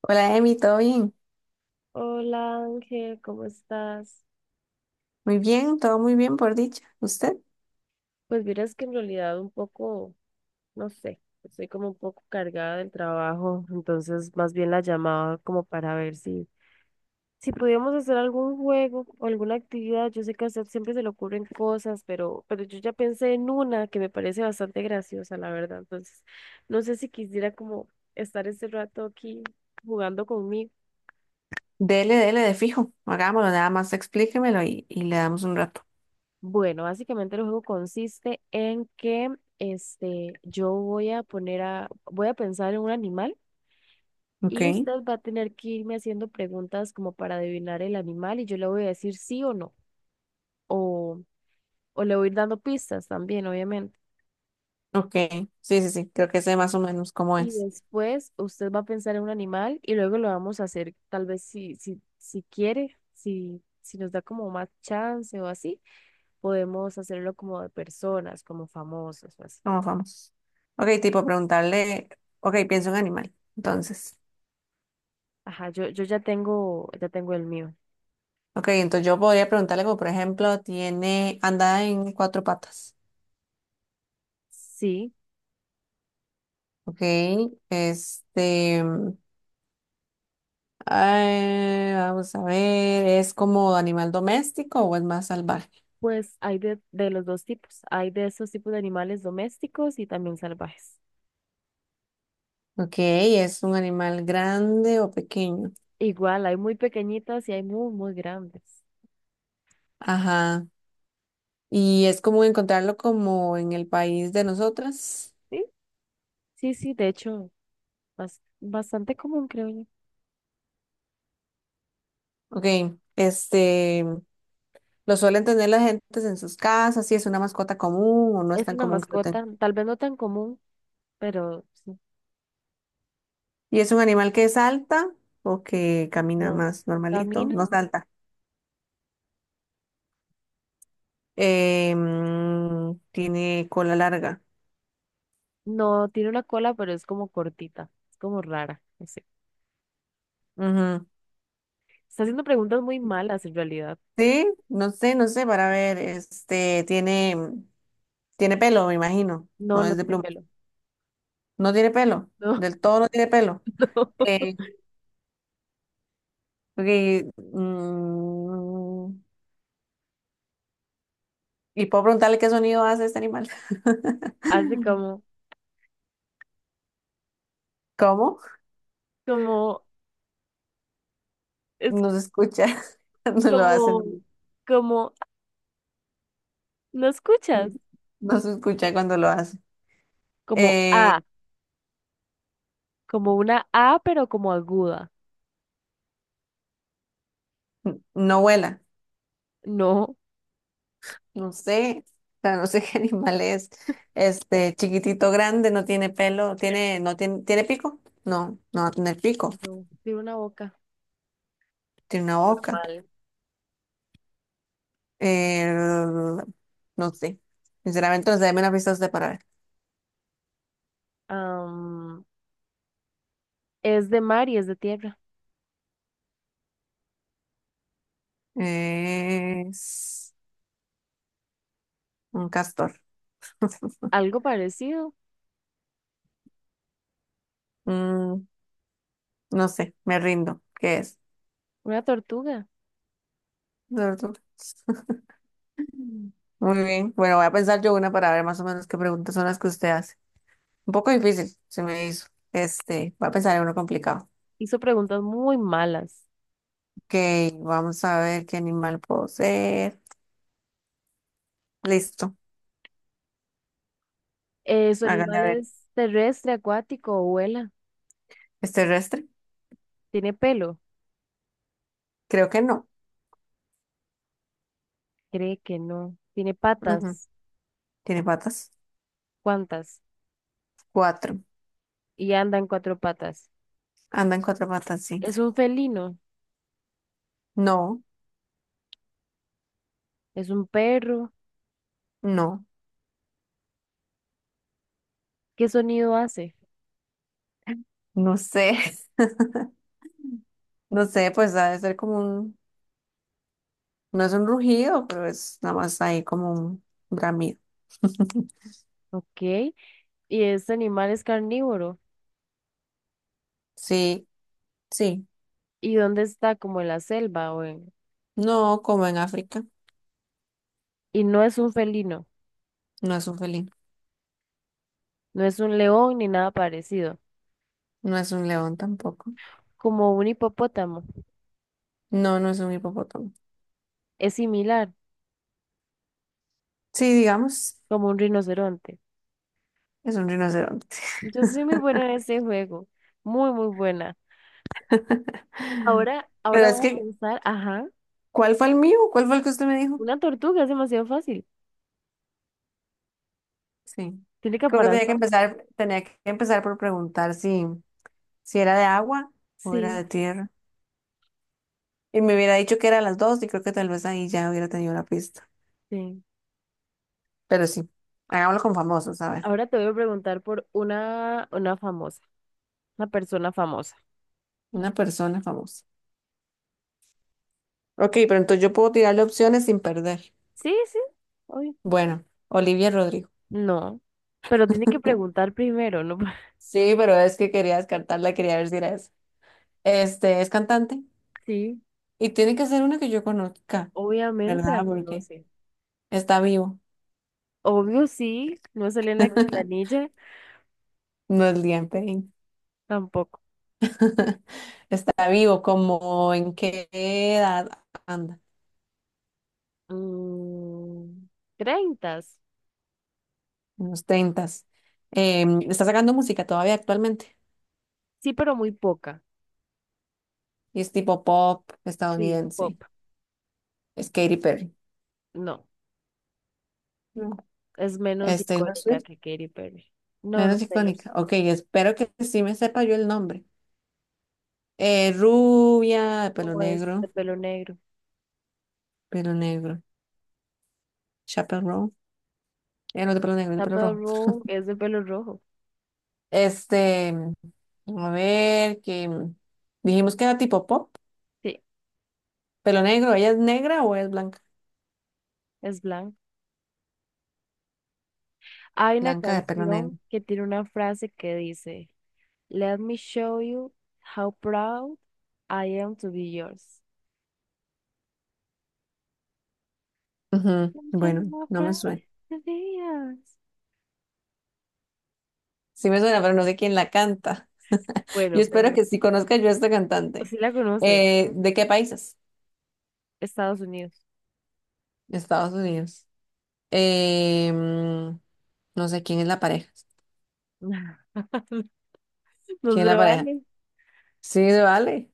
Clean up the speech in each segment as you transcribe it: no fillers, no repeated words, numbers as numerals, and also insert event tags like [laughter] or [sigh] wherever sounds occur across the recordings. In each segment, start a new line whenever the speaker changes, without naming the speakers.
Hola, Emi, ¿todo bien?
Hola Ángel, ¿cómo estás?
Muy bien, todo muy bien por dicha. ¿Usted?
Pues miras que en realidad un poco, no sé, estoy como un poco cargada del trabajo, entonces más bien la llamaba como para ver si podíamos hacer algún juego o alguna actividad. Yo sé que a usted siempre se le ocurren cosas, pero yo ya pensé en una que me parece bastante graciosa, la verdad. Entonces, no sé si quisiera como estar este rato aquí jugando conmigo.
Dele, dele de fijo. Hagámoslo, nada más explíquemelo y le damos un rato.
Bueno, básicamente el juego consiste en que yo voy a pensar en un animal
Ok,
y usted va a tener que irme haciendo preguntas como para adivinar el animal y yo le voy a decir sí o no, o, o le voy a ir dando pistas también, obviamente.
ok. Sí, sí, sí, creo que sé más o menos cómo
Y
es.
después usted va a pensar en un animal y luego lo vamos a hacer, tal vez si, si quiere, si nos da como más chance o así, podemos hacerlo como de personas, como famosos o así.
¿Cómo vamos? Ok, tipo preguntarle. Ok, pienso en animal. Entonces.
Ajá, yo ya tengo el mío.
Ok, entonces yo podría preguntarle como, por ejemplo, tiene, anda en cuatro patas.
Sí,
Ok, este, ay, vamos a ver, ¿es como animal doméstico o es más salvaje?
pues hay de los dos tipos. Hay de esos tipos de animales domésticos y también salvajes.
Ok, ¿es un animal grande o pequeño?
Igual, hay muy pequeñitas y hay muy, muy grandes.
Ajá, y es común encontrarlo como en el país de nosotras.
Sí, sí, sí, de hecho, bastante común, creo yo.
Ok, este, ¿lo suelen tener las gentes en sus casas? Si es una mascota común o no es
Es
tan
una
común que lo tengan.
mascota, tal vez no tan común, pero sí,
¿Y es un animal que salta o que camina
no.
más normalito?
Camina,
No salta. Tiene cola larga.
no, tiene una cola, pero es como cortita, es como rara, no sé.
Ujú.
Está haciendo preguntas muy malas en realidad.
Sí, no sé, no sé, para ver, este, tiene pelo, me imagino.
No,
No
no
es de
tiene
pluma.
pelo.
No tiene pelo.
No,
Del todo no tiene pelo.
[laughs] no.
Eh, y, mm, y puedo preguntarle qué sonido hace este animal.
Hace
[laughs]
como...
¿Cómo?
Como, es
No se escucha [laughs] cuando lo hace. No,
como, como, ¿no escuchas?
no se escucha cuando lo hace.
Como
Eh,
A, como una A, pero como aguda.
no vuela,
No,
no sé, o sea, no sé [laughs] qué animal es. Este, chiquitito, grande, no tiene pelo, no tiene, ¿tiene pico? No, no va a tener pico,
no, tiene una boca
tiene una boca.
normal.
Eh, no sé, sinceramente, no sé, dame una pista usted para ver.
Am, es de mar y es de tierra.
Es un castor. [laughs]
Algo parecido,
Mm, no sé, me rindo. ¿Qué es?
una tortuga.
Tortuga. Muy bien, bueno, voy a pensar yo una para ver más o menos qué preguntas son las que usted hace. Un poco difícil, se me hizo. Este, voy a pensar en uno complicado.
Hizo preguntas muy malas.
Ok, vamos a ver qué animal puedo ser. Listo,
¿Su
háganle
animal
a ver.
es terrestre, acuático o vuela?
¿Es terrestre?
¿Tiene pelo?
Creo que no.
Cree que no. ¿Tiene
Ujú.
patas?
¿Tiene patas?
¿Cuántas?
Cuatro.
Y anda en cuatro patas.
Anda en cuatro patas, sí.
¿Es un felino?
No,
¿Es un perro?
no,
¿Qué sonido hace?
no sé. [laughs] No sé, pues ha de ser como un, no es un rugido, pero es nada más ahí como un bramido.
Ok. Y este animal es carnívoro.
Sí, sí.
¿Y dónde está? Como en la selva o en...
No, como en África,
Y no es un felino,
no es un felino,
no es un león ni nada parecido.
no es un león tampoco.
Como un hipopótamo.
No, no es un hipopótamo.
Es similar,
Sí, digamos.
como un rinoceronte.
Es un rinoceronte.
Yo soy muy buena en este juego. Muy, muy buena.
[laughs]
Ahora,
Pero
ahora
es
voy a
que,
pensar, ajá,
¿cuál fue el mío? ¿Cuál fue el que usted me dijo?
una tortuga es demasiado fácil.
Sí.
¿Tiene
Creo que
caparazón?
tenía que empezar por preguntar si, si era de agua o era
Sí,
de tierra. Y me hubiera dicho que eran las dos y creo que tal vez ahí ya hubiera tenido la pista.
sí.
Pero sí, hagámoslo con famosos, a ver.
Ahora te voy a preguntar por una persona famosa.
Una persona famosa. Ok, pero entonces yo puedo tirarle opciones sin perder.
Sí, sí. Obvio.
Bueno, Olivia Rodrigo.
No, pero tiene que
[laughs]
preguntar primero, ¿no? [laughs]
Sí, pero es que quería descartarla, quería ver si era esa. Este, es cantante
Sí.
y tiene que ser una que yo conozca.
Obviamente la
¿Verdad? Porque
conoce.
está vivo.
Obvio sí, no salió en la
[laughs]
Quintanilla
No es Liam Payne.
tampoco.
[laughs] Está vivo, como en qué edad anda,
Mm, Treintas.
en los tentas. Está sacando música todavía actualmente
Sí, pero muy poca.
y es tipo pop
Sí, pop.
estadounidense. Es Katy Perry.
No,
No.
es menos
Es Taylor
icónica
Swift,
que Katy Perry. No, no
menos
es Taylor
icónica.
Swift.
Ok, espero que sí me sepa yo el nombre. Rubia, de pelo
O es de
negro,
pelo negro.
pelo negro. Chappell Row. No, de pelo negro, de pelo
Chappell
rojo.
Roan es de pelo rojo.
Este, a ver, que dijimos que era tipo pop,
Sí,
pelo negro, ¿ella es negra o es blanca?
es blanco. Hay una
Blanca de pelo
canción
negro.
que tiene una frase que dice Let me show you how proud I am to be yours.
Ujú.
Let me show you
Bueno,
how
no me
proud
suena.
I am to be yours.
Sí me suena, pero no sé quién la canta. [laughs] Yo
Bueno,
espero que sí conozca yo a esta cantante.
si la conoce,
¿De qué países?
Estados Unidos.
Estados Unidos. Eh, mm, no sé quién es la pareja.
[laughs] No
¿Quién es
se
la pareja?
vale.
Sí, se vale.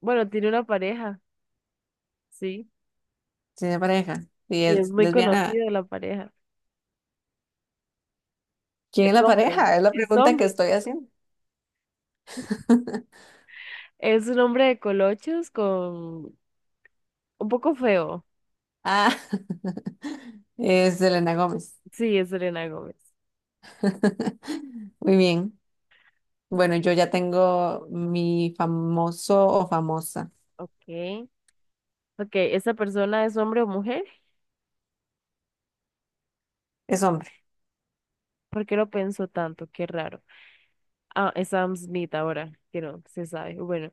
Bueno, tiene una pareja, sí.
Sí, es pareja. Y
Y es
es
muy
lesbiana.
conocida la pareja.
¿Quién es
Es
la
hombre,
pareja? Es la
es
pregunta que
hombre.
estoy haciendo. [laughs]
Es un hombre de colochos con un poco feo.
Ah, [laughs] es Selena Gómez.
Sí, es Selena Gómez.
[laughs] Muy bien. Bueno, yo ya tengo mi famoso o famosa.
Ok. Ok, ¿esa persona es hombre o mujer?
Es hombre.
¿Por qué lo pensó tanto? Qué raro. Ah, es Sam Smith ahora, que no se sabe. Bueno,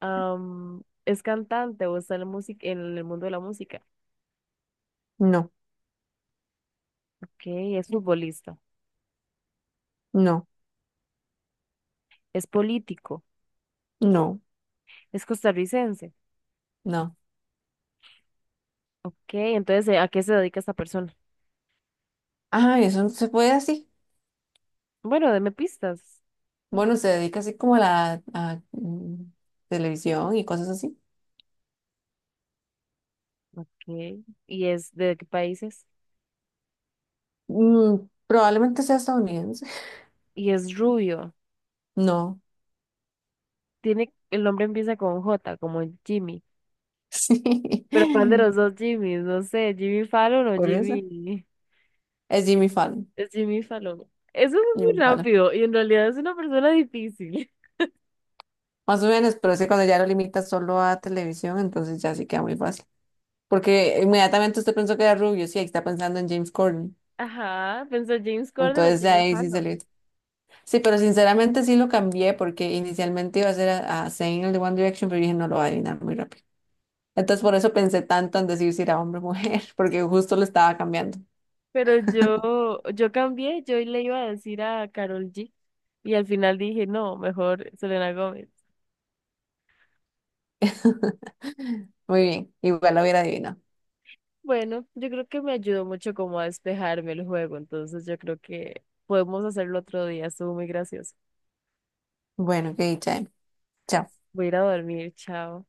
es cantante o está en la música, en el mundo de la música.
No,
Ok, es futbolista,
no,
es político,
no,
es costarricense.
no.
Ok, entonces, ¿a qué se dedica esta persona?
Ah, eso no se puede así.
Bueno, deme pistas.
Bueno, se dedica así como a la televisión y cosas así.
Ok, ¿y es de qué países?
Mm, probablemente sea estadounidense.
Y es rubio.
No. [laughs]
Tiene, el nombre empieza con J, como Jimmy.
Sí.
Pero ¿cuál de los dos Jimmys? No sé, Jimmy Fallon o
Por eso.
Jimmy.
Es Jimmy Fallon.
Es Jimmy Fallon. Eso fue muy
Jimmy Fallon.
rápido y en realidad es una persona difícil.
Más o menos, pero es que cuando ya lo limitas solo a televisión, entonces ya sí queda muy fácil. Porque inmediatamente usted pensó que era rubio, sí, ahí está pensando en James Corden.
Ajá, pensó James Corden o
Entonces de
Jimmy
ahí sí
Fallon.
salió. Sí, pero sinceramente sí lo cambié porque inicialmente iba a ser a Zayn, el de One Direction, pero dije no lo va a adivinar muy rápido. Entonces por eso pensé tanto en decir si era hombre o mujer, [laughs] porque justo lo estaba cambiando.
Pero yo cambié, yo le iba a decir a Carol G. Y al final dije, no, mejor Selena Gómez.
[laughs] Muy bien, igual lo hubiera adivinado.
Bueno, yo creo que me ayudó mucho como a despejarme el juego, entonces yo creo que podemos hacerlo otro día, estuvo muy gracioso.
Bueno, qué dicha. ¿Eh? Chao.
Voy a ir a dormir, chao.